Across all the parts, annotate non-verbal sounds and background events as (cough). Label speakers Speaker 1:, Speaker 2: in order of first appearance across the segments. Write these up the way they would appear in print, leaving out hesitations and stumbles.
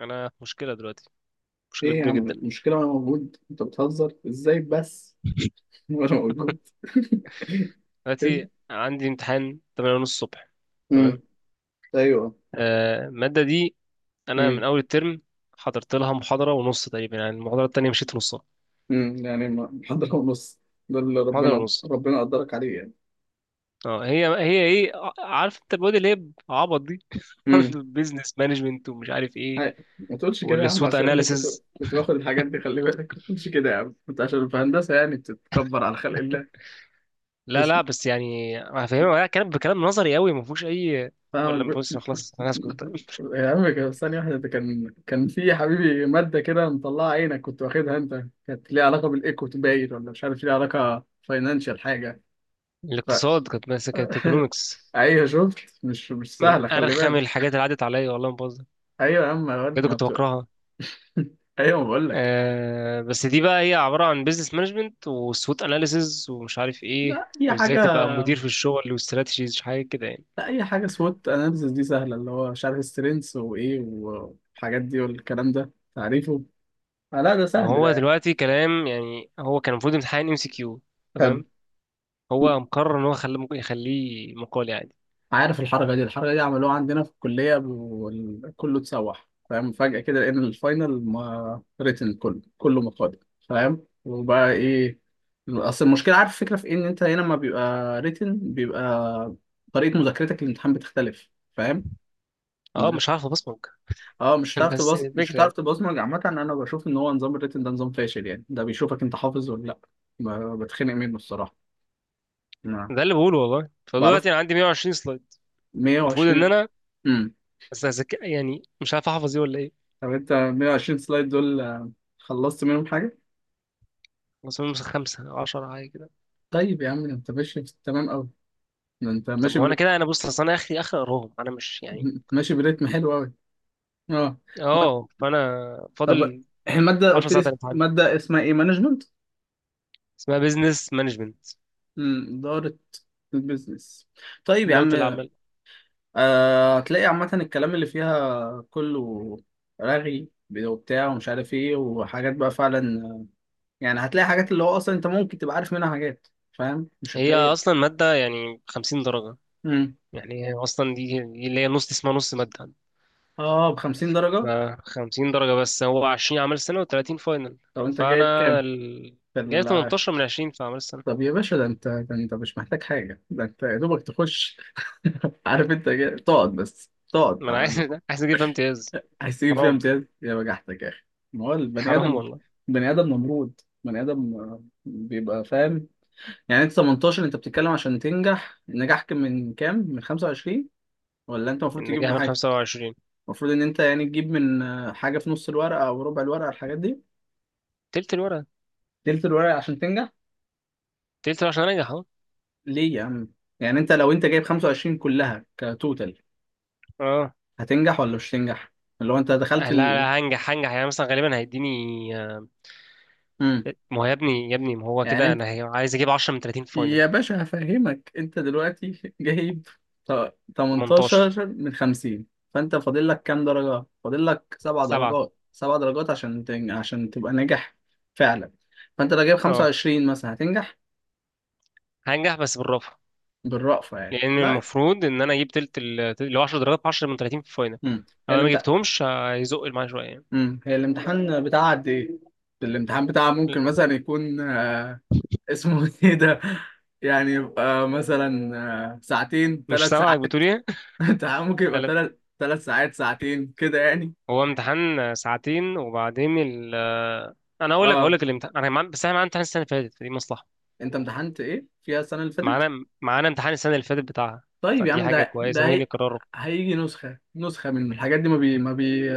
Speaker 1: انا في مشكله دلوقتي، مشكله
Speaker 2: ايه يا
Speaker 1: كبيره
Speaker 2: عم
Speaker 1: جدا.
Speaker 2: المشكلة وانا موجود، انت بتهزر ازاي بس؟ (laughs) وانا موجود (laughs)
Speaker 1: دلوقتي عندي امتحان 8:30 الصبح.
Speaker 2: امم.
Speaker 1: تمام.
Speaker 2: ايوه.
Speaker 1: الماده دي، انا من
Speaker 2: امم.
Speaker 1: اول الترم حضرت لها محاضره ونص تقريبا، يعني المحاضره التانيه مشيت في نصها.
Speaker 2: يعني محضر ونص. ده اللي
Speaker 1: محاضره
Speaker 2: ربنا
Speaker 1: ونص.
Speaker 2: ربنا قدرك عليه يعني.
Speaker 1: اه هي ايه، عارف انت المواد اللي هي عبط دي (laughs)
Speaker 2: امم.
Speaker 1: البيزنس مانجمنت ومش عارف ايه
Speaker 2: هاي ما تقولش كده يا عم،
Speaker 1: والسوت
Speaker 2: عشان انا كنت
Speaker 1: اناليسز.
Speaker 2: كنت باخد الحاجات دي، خلي بالك ما تقولش كده يا عم انت، عشان في هندسة يعني بتتكبر على خلق الله.
Speaker 1: لا لا،
Speaker 2: اسمع.
Speaker 1: بس يعني هفهمها كلام بكلام نظري قوي، ما فيهوش اي، ولا ما
Speaker 2: فاهم؟
Speaker 1: فيهوش،
Speaker 2: (laughs)
Speaker 1: خلاص انا هسكت.
Speaker 2: يا عم ثانية واحدة، ده كان في حبيبي مادة كده مطلعة عينك، كنت واخدها أنت، كانت ليها علاقة بالإيكو، باين، ولا مش عارف ليها علاقة فاينانشال حاجة.
Speaker 1: (laughs)
Speaker 2: ف...
Speaker 1: الاقتصاد كانت ماسكه ايكونومكس،
Speaker 2: (laughs) أيوه شفت، مش
Speaker 1: من
Speaker 2: سهلة، خلي
Speaker 1: ارخم
Speaker 2: بالك.
Speaker 1: الحاجات اللي عدت عليا، والله ما بهزر،
Speaker 2: أيوه يا عم يا واد
Speaker 1: بجد
Speaker 2: ما
Speaker 1: كنت
Speaker 2: بت-
Speaker 1: بكرهها.
Speaker 2: (laughs) أيوه، ما بقول لك.
Speaker 1: بس دي بقى هي عباره عن بيزنس مانجمنت وسوت اناليسز ومش عارف ايه،
Speaker 2: لا، أي
Speaker 1: وازاي
Speaker 2: حاجة.
Speaker 1: تبقى مدير في الشغل واستراتيجيز حاجه كده يعني.
Speaker 2: لا، أي حاجة، سوت أناليسيس دي سهلة، اللي هو مش عارف سترينث وإيه والحاجات دي والكلام ده، تعريفه. آه، لا ده
Speaker 1: ما
Speaker 2: سهل ده
Speaker 1: هو
Speaker 2: يعني.
Speaker 1: دلوقتي كلام يعني. هو كان المفروض امتحان ام سي كيو،
Speaker 2: حلو.
Speaker 1: تمام، هو مقرر ان هو خليه، ممكن يخليه مقالي عادي.
Speaker 2: عارف الحركه دي، الحركه دي عملوها عندنا في الكليه وكله اتسوح، فاهم؟ فجاه كده لقينا الفاينل، ما ريتن، كله كله مقالي. فاهم؟ وبقى ايه؟ اصل المشكله، عارف الفكره في إيه؟ ان انت هنا ما بيبقى ريتن، بيبقى طريقه مذاكرتك للامتحان بتختلف. فاهم؟
Speaker 1: اه
Speaker 2: مذاكرة.
Speaker 1: مش عارف ابصمج.
Speaker 2: اه، مش
Speaker 1: (laughs)
Speaker 2: هتعرف
Speaker 1: بس يعني
Speaker 2: تبص، مش
Speaker 1: الفكره
Speaker 2: هتعرف
Speaker 1: يعني،
Speaker 2: تبصمج، عامه انا بشوف ان هو نظام الريتن ده نظام فاشل، يعني ده بيشوفك انت حافظ ولا لا. بتخنق منه الصراحه. ما
Speaker 1: ده اللي بقوله والله.
Speaker 2: بعرف.
Speaker 1: فدلوقتي انا عندي 120 سلايد المفروض ان
Speaker 2: 120.
Speaker 1: انا، بس يعني مش عارف احفظ ايه ولا ايه.
Speaker 2: طب انت 120 سلايد دول آه، خلصت منهم حاجة؟
Speaker 1: بس هم خمسه 10 حاجه كده.
Speaker 2: طيب يا عم، ده انت ماشي في التمام قوي، ده انت
Speaker 1: طب
Speaker 2: ماشي
Speaker 1: ما هو انا
Speaker 2: بر...
Speaker 1: كده، بص، اصل انا اخري اخر اقراهم، انا مش يعني،
Speaker 2: ماشي بريتم حلو قوي. اه،
Speaker 1: اه فانا
Speaker 2: طب
Speaker 1: فاضل
Speaker 2: المادة
Speaker 1: 10
Speaker 2: قلت
Speaker 1: ساعات
Speaker 2: لي،
Speaker 1: امتحان.
Speaker 2: مادة اسمها ايه، مانجمنت؟
Speaker 1: اسمها بيزنس مانجمنت،
Speaker 2: إدارة. البيزنس. طيب يا
Speaker 1: إدارة
Speaker 2: عم
Speaker 1: الأعمال.
Speaker 2: آه، هتلاقي عامة الكلام اللي فيها كله رغي وبتاع ومش عارف ايه وحاجات بقى فعلا، يعني هتلاقي حاجات اللي هو اصلا انت ممكن تبقى عارف منها حاجات، فاهم؟ مش
Speaker 1: هي
Speaker 2: هتلاقي.
Speaker 1: أصلا مادة يعني 50 درجة.
Speaker 2: مم.
Speaker 1: يعني هي أصلا دي اللي هي نص اسمها، نص مادة.
Speaker 2: اه، ب 50
Speaker 1: ف
Speaker 2: درجة.
Speaker 1: 50 درجة، بس هو 20 أعمال سنة و30 فاينل.
Speaker 2: طب انت جايب كام؟
Speaker 1: فأنا ال...
Speaker 2: في
Speaker 1: جايب
Speaker 2: ال-
Speaker 1: 18 من 20 في أعمال السنة.
Speaker 2: طب يا باشا، ده انت مش محتاج حاجة، ده انت يا دوبك تخش (laughs) عارف انت تقعد، بس تقعد
Speaker 1: ما أنا عايز
Speaker 2: على،
Speaker 1: (laughs) عايز أجيب فيها امتياز.
Speaker 2: عايز تجيب فيها
Speaker 1: حرام،
Speaker 2: امتياز، يا بجحتك يا اخي. ما هو البني
Speaker 1: حرام
Speaker 2: ادم،
Speaker 1: والله.
Speaker 2: بني ادم نمرود، بني ادم آه، بيبقى فاهم، يعني انت 18، انت بتتكلم عشان تنجح، نجاح كان من كام، من 25؟ ولا انت المفروض
Speaker 1: إن
Speaker 2: تجيب
Speaker 1: جاي من
Speaker 2: حاجة؟
Speaker 1: 25،
Speaker 2: المفروض ان انت يعني تجيب من آه، حاجة في نص الورقة او ربع الورقة، الحاجات دي.
Speaker 1: تلت الورقة.
Speaker 2: تلت الورقة عشان تنجح.
Speaker 1: تلت الورقة عشان أنجح أهو.
Speaker 2: ليه يا عم؟ يعني انت لو جايب 25 كلها كتوتال،
Speaker 1: أه
Speaker 2: هتنجح ولا مش هتنجح؟ اللي هو انت دخلت
Speaker 1: لا،
Speaker 2: ال...
Speaker 1: لا هنجح يعني مثلا غالبا هيديني.
Speaker 2: مم.
Speaker 1: ما هو يا ابني يا ابني، ما هو
Speaker 2: يعني
Speaker 1: كده انا
Speaker 2: انت،
Speaker 1: عايز اجيب 10 من 30 في فاينل.
Speaker 2: يا باشا هفهمك انت دلوقتي (laughs) جايب
Speaker 1: 18،
Speaker 2: 18 من 50. فانت فاضل لك كام درجة؟ فاضل لك سبع
Speaker 1: 7.
Speaker 2: درجات، سبع درجات عشان عشان تبقى ناجح. فعلا. فانت لو جايب
Speaker 1: اه
Speaker 2: 25 مثلا هتنجح.
Speaker 1: هنجح بس بالرافع،
Speaker 2: بالرأفة يعني
Speaker 1: لان
Speaker 2: لا.
Speaker 1: المفروض ان انا اجيب تلت ال اللي هو 10 درجات، في 10 من 30 في فاينل.
Speaker 2: مم.
Speaker 1: لو انا ما جبتهمش هيزق معايا شويه يعني.
Speaker 2: هي الامتحان بتاعها قد ايه؟ الامتحان بتاعها ممكن مثلا يكون اسمه (laughs) ايه ده، يعني يبقى مثلا آه، ساعتين،
Speaker 1: مش
Speaker 2: ثلاث
Speaker 1: سامعك بتقول
Speaker 2: ساعات.
Speaker 1: ايه.
Speaker 2: (laughs) انت ممكن
Speaker 1: (laughs) لا
Speaker 2: يبقى
Speaker 1: لا،
Speaker 2: ثلاث، ثلاث ساعات، ساعتين كده يعني.
Speaker 1: هو امتحان ساعتين وبعدين انا اقول لك اقول
Speaker 2: اه.
Speaker 1: لك الامتحان، بس احنا معانا امتحان السنه اللي فاتت، فدي مصلحه.
Speaker 2: انت امتحنت ايه فيها السنة اللي فاتت؟
Speaker 1: معانا امتحان السنه اللي فاتت بتاعها،
Speaker 2: طيب يا
Speaker 1: فدي
Speaker 2: عم
Speaker 1: حاجه
Speaker 2: ده
Speaker 1: كويسه
Speaker 2: ده
Speaker 1: ممكن
Speaker 2: هي...
Speaker 1: يكرروا.
Speaker 2: هيجي نسخة، نسخة من الحاجات دي،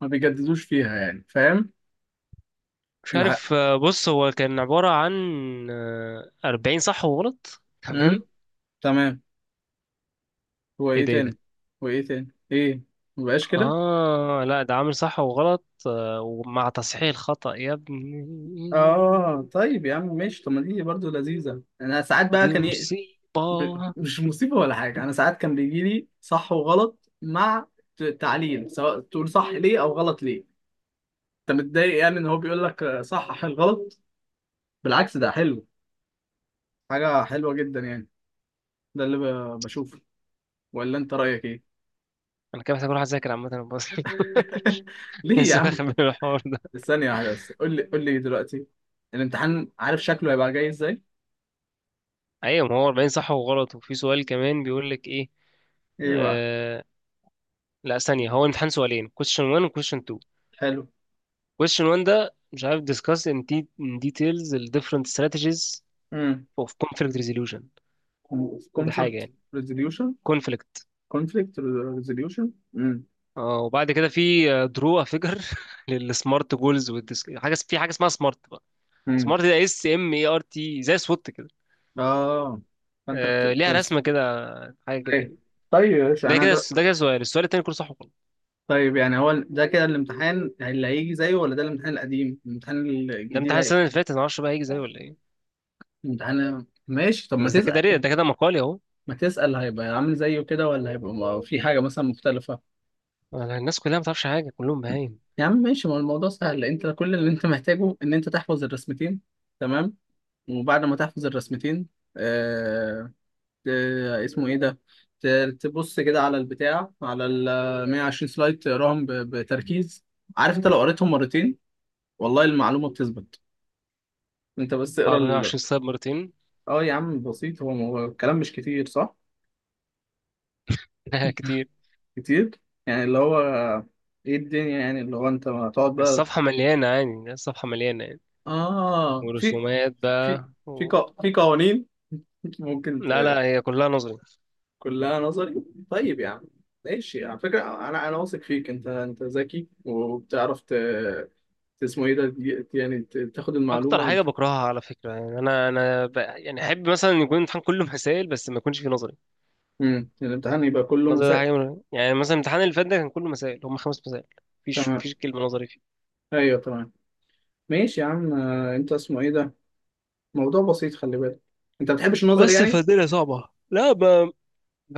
Speaker 2: ما بيجددوش فيها يعني، فاهم؟
Speaker 1: مش
Speaker 2: الحق.
Speaker 1: عارف. بص هو كان عبارة عن 40 صح وغلط،
Speaker 2: امم.
Speaker 1: تمام.
Speaker 2: تمام. هو
Speaker 1: ايه
Speaker 2: ايه
Speaker 1: ده ايه ده
Speaker 2: تاني؟ هو ايه تاني ايه؟ مبقاش كده.
Speaker 1: آه لا، ده عامل صح وغلط ومع تصحيح الخطأ يا ابني.
Speaker 2: اه طيب يا عم ماشي، طب ما دي برضه لذيذة، انا ساعات بقى
Speaker 1: دي
Speaker 2: كان
Speaker 1: مصيبة.
Speaker 2: مش مصيبة ولا حاجة، أنا ساعات كان بيجي لي صح وغلط مع تعليل، سواء تقول صح ليه أو غلط ليه. أنت متضايق يعني إن هو بيقول لك آه، صحح الغلط؟ بالعكس ده حلو، حاجة حلوة جدا يعني، ده اللي بشوفه، ولا أنت رأيك إيه؟
Speaker 1: أنا كده محتاج أروح أذاكر عامة بس.
Speaker 2: (laughs)
Speaker 1: (laughs)
Speaker 2: ليه يا
Speaker 1: لسه
Speaker 2: عم؟
Speaker 1: واخد بالي من الحوار ده.
Speaker 2: ثانية واحدة بس، قول لي دلوقتي، الامتحان عارف شكله هيبقى جاي إزاي؟
Speaker 1: أيوة، ما هو 40 صح وغلط، وفي سؤال كمان بيقول لك إيه.
Speaker 2: إيه بقى؟
Speaker 1: آه... لا ثانية، هو الامتحان سؤالين: question 1 و question 2.
Speaker 2: حلو.
Speaker 1: question 1 ده مش عارف، discuss in, de in details the different strategies
Speaker 2: امم.
Speaker 1: اوف كونفليكت ريزوليوشن ده حاجه
Speaker 2: كومفورت
Speaker 1: يعني،
Speaker 2: ريزوليوشن.
Speaker 1: كونفليكت.
Speaker 2: كونفليكت ريزوليوشن. امم.
Speaker 1: اه وبعد كده في درو فيجر للسمارت جولز (laughs) والديسك حاجه، في حاجه اسمها سمارت بقى. سمارت ده اس ام اي ار تي زي سوت كده.
Speaker 2: اه، فانت
Speaker 1: آه ليها
Speaker 2: بترسم.
Speaker 1: رسمه كده، حاجه كده
Speaker 2: ايوه.
Speaker 1: يعني.
Speaker 2: طيب يا باشا،
Speaker 1: ده كده ده كده السؤال التاني كله صح وغلط.
Speaker 2: طيب يعني هو ده كده الامتحان اللي هيجي زيه ولا ده الامتحان القديم، الامتحان
Speaker 1: ده
Speaker 2: الجديد
Speaker 1: امتحان السنه
Speaker 2: هيجي؟
Speaker 1: اللي فاتت، انا معرفش بقى هيجي زيه ولا ايه.
Speaker 2: الامتحان ماشي، طب ما
Speaker 1: بس ده كده
Speaker 2: تسأل،
Speaker 1: ده كده مقالي اهو.
Speaker 2: ما تسأل هيبقى عامل زيه كده ولا هيبقى في حاجة مثلا مختلفة.
Speaker 1: أنا الناس كلها ما تعرفش حاجه، كلهم بهايم.
Speaker 2: يا عم ماشي، ما هو الموضوع سهل، انت كل اللي انت محتاجه ان انت تحفظ الرسمتين، تمام، وبعد ما تحفظ الرسمتين آه، آه، اسمه ايه ده، تبص كده على البتاع، على ال 120 سلايد، تقراهم بتركيز. عارف انت لو قريتهم مرتين، والله المعلومة بتثبت، انت بس اقرا
Speaker 1: اه
Speaker 2: ال...
Speaker 1: 120 سلايد مرتين؟
Speaker 2: اه يا عم بسيط، هو الكلام مش كتير، صح؟
Speaker 1: (laughs) لا كتير.
Speaker 2: كتير. يعني اللي هو ايه الدنيا، يعني اللي هو انت هتقعد بقى.
Speaker 1: الصفحه مليانه يعني، الصفحه مليانه يعني،
Speaker 2: اه. في،
Speaker 1: ورسومات
Speaker 2: في
Speaker 1: بقى
Speaker 2: في
Speaker 1: و...
Speaker 2: في قوانين، (laughs) ممكن
Speaker 1: لا لا هي كلها نظري.
Speaker 2: كلها نظري. طيب يا عم، ماشي على فكرة، أنا واثق فيك، أنت ذكي وبتعرف ت... اسمه إيه ده، يعني تاخد المعلومة
Speaker 1: اكتر حاجه بكرهها على فكره، يعني انا يعني احب مثلا يكون الامتحان كله مسائل بس ما يكونش فيه نظري.
Speaker 2: مم. الامتحان يبقى كله
Speaker 1: النظري ده
Speaker 2: مساء.
Speaker 1: حاجه يعني مثلا الامتحان اللي فات ده كان كله مسائل، هم 5 مسائل، مفيش
Speaker 2: تمام.
Speaker 1: مفيش كلمه نظري فيه.
Speaker 2: أيوه تمام. ماشي يا عم آه، أنت اسمه إيه ده، موضوع بسيط خلي بالك، أنت ما بتحبش النظر
Speaker 1: بس
Speaker 2: يعني؟
Speaker 1: فالدنيا صعبه، لا ما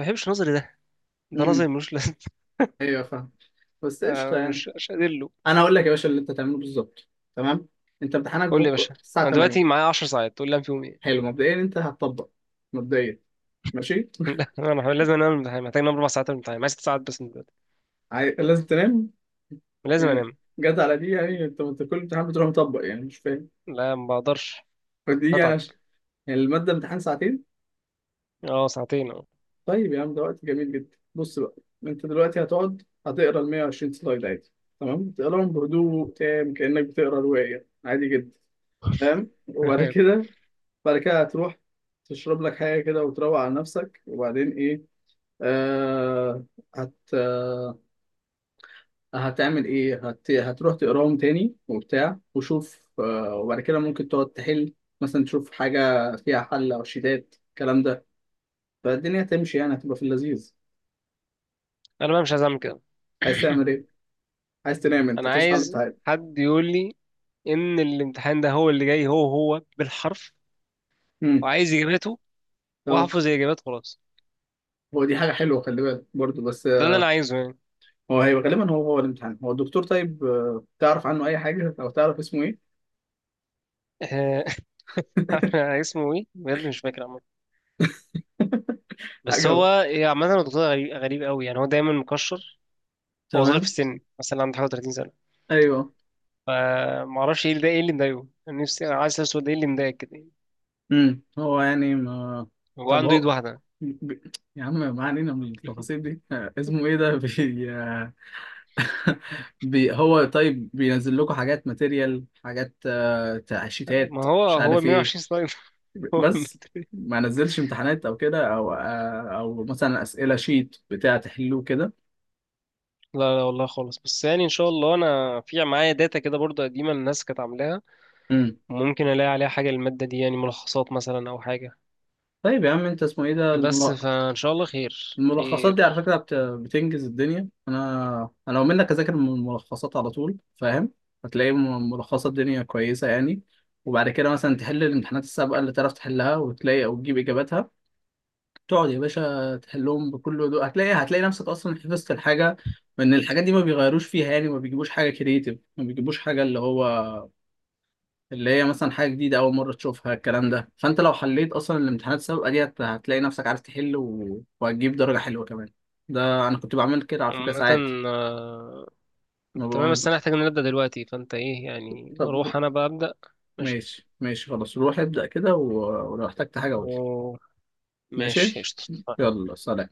Speaker 1: بحبش النظري ده، ده نظري
Speaker 2: امم.
Speaker 1: ملوش لازمه.
Speaker 2: أيوه فاهم، بس
Speaker 1: (laughs)
Speaker 2: قشطة
Speaker 1: آه،
Speaker 2: يعني.
Speaker 1: مش قادر له.
Speaker 2: أنا هقول لك يا باشا اللي أنت تعمله بالظبط، تمام. أنت امتحانك
Speaker 1: قول لي يا
Speaker 2: بكرة
Speaker 1: باشا،
Speaker 2: الساعة
Speaker 1: انا دلوقتي
Speaker 2: 8.
Speaker 1: معايا 10 ساعات، تقول لي انام فيهم ايه.
Speaker 2: حلو، مبدئيا أنت هتطبق، مبدئيا ماشي.
Speaker 1: (laughs) لا انا لازم انام، الامتحان محتاج انام 4 ساعات من الامتحان. معايا 6 ساعات بس من دلوقتي.
Speaker 2: لازم تنام
Speaker 1: لازم
Speaker 2: يعني،
Speaker 1: انام،
Speaker 2: جت على دي يعني، انت كل امتحان بتروح مطبق يعني، مش فاهم.
Speaker 1: لا ما بقدرش،
Speaker 2: فدي يعني
Speaker 1: هتعب.
Speaker 2: يعني المادة امتحان ساعتين.
Speaker 1: اه ساعتين، اه.
Speaker 2: طيب يا عم، ده وقت جميل جدا، بص بقى، انت دلوقتي هتقعد هتقرا ال 120 سلايد عادي، تمام، تقراهم بهدوء تام، كأنك بتقرا رواية عادي جدا، فاهم؟ وبعد
Speaker 1: (laughs)
Speaker 2: كده، بعد كده هتروح تشرب لك حاجة كده وتروق على نفسك، وبعدين ايه؟ آه، هت هتعمل ايه، هتروح تقراهم تاني وبتاع وشوف آه، وبعد كده ممكن تقعد تحل، مثلا تشوف حاجة فيها حل أو شيتات الكلام ده، فالدنيا هتمشي يعني، هتبقى في اللذيذ.
Speaker 1: انا بقى مش عايز اعمل كده.
Speaker 2: عايز تعمل
Speaker 1: (clears throat) (coughs)
Speaker 2: ايه؟ عايز تنام انت
Speaker 1: انا
Speaker 2: تصحى على
Speaker 1: عايز
Speaker 2: الامتحان؟
Speaker 1: حد يقول لي ان الامتحان ده هو اللي جاي، هو هو بالحرف،
Speaker 2: امم.
Speaker 1: وعايز اجاباته،
Speaker 2: طب،
Speaker 1: واحفظ الاجابات خلاص.
Speaker 2: هو دي حاجة حلوة خلي بالك برضه، بس
Speaker 1: ده اللي
Speaker 2: آه،
Speaker 1: انا عايزه يعني.
Speaker 2: هو هيبقى غالبا هو الامتحان، هو الدكتور طيب آه، تعرف عنه أي حاجة أو تعرف اسمه ايه؟
Speaker 1: آه، (laughs) اسمه ايه بجد؟ مش فاكر عامه. بس
Speaker 2: حاجة
Speaker 1: هو
Speaker 2: هو.
Speaker 1: إيه، عامه هو دكتور غريب، غريب قوي يعني. هو دايما مكشر، هو صغير في
Speaker 2: تمام.
Speaker 1: السن، مثلا عنده حاجه 30 سنه.
Speaker 2: ايوه.
Speaker 1: فما اعرفش ايه اللي ده، ايه اللي مضايقه. انا نفسي انا عايز اسال، ده ايه اللي مضايقك كده يعني.
Speaker 2: هو يعني ما،
Speaker 1: هو
Speaker 2: طب
Speaker 1: عنده ايد
Speaker 2: هو
Speaker 1: واحده.
Speaker 2: ب... يا عم ما علينا من التفاصيل دي (laughs) آه، اسمه ايه ده، آه، (laughs) هو طيب بينزل لكم حاجات، ماتيريال، حاجات آه،
Speaker 1: ما
Speaker 2: تعشيتات
Speaker 1: هو
Speaker 2: مش
Speaker 1: هو
Speaker 2: عارف ايه،
Speaker 1: 120 سلايد.
Speaker 2: بس،
Speaker 1: (laughs)
Speaker 2: ما نزلش امتحانات او كده، او آه، او مثلا اسئله شيت بتاع تحلوه كده.
Speaker 1: لا لا والله خالص، بس يعني ان شاء الله انا في معايا داتا كده برضه قديمه، الناس كانت عاملاها،
Speaker 2: امم.
Speaker 1: ممكن الاقي عليها حاجه الماده دي، يعني ملخصات مثلا او حاجه.
Speaker 2: طيب يا عم انت اسمه ايه ده،
Speaker 1: بس فان شاء الله خير
Speaker 2: الملخصات دي
Speaker 1: خير.
Speaker 2: على فكرة بتنجز الدنيا، أنا لو منك أذاكر من الملخصات على طول، فاهم؟ هتلاقي ملخصات الدنيا كويسة يعني، وبعد كده مثلا تحل الامتحانات السابقة اللي تعرف تحلها وتلاقي أو تجيب إجاباتها، تقعد يا باشا تحلهم بكل هدوء، هتلاقي نفسك أصلا حفظت الحاجة، وإن الحاجات دي ما بيغيروش فيها، يعني ما بيجيبوش حاجة كريتيف، ما بيجيبوش حاجة اللي هو اللي هي مثلا حاجة جديدة أول مرة تشوفها، الكلام ده، فأنت لو حليت أصلا الامتحانات السابقة دي هتلاقي نفسك عارف تحل وهتجيب درجة حلوة كمان، ده أنا كنت بعمل كده على فكرة
Speaker 1: عامه
Speaker 2: ساعات.
Speaker 1: آه،
Speaker 2: ما
Speaker 1: تمام. بس
Speaker 2: ببقى-
Speaker 1: انا هحتاج ان أنا ابدا دلوقتي، فانت ايه يعني،
Speaker 2: طب
Speaker 1: روح انا بقى ابدا. ماشي.
Speaker 2: ماشي، ماشي خلاص، روح ابدأ كده ولو احتجت حاجة قول لي.
Speaker 1: و- ماشي
Speaker 2: ماشي،
Speaker 1: قشطة.
Speaker 2: يلا سلام.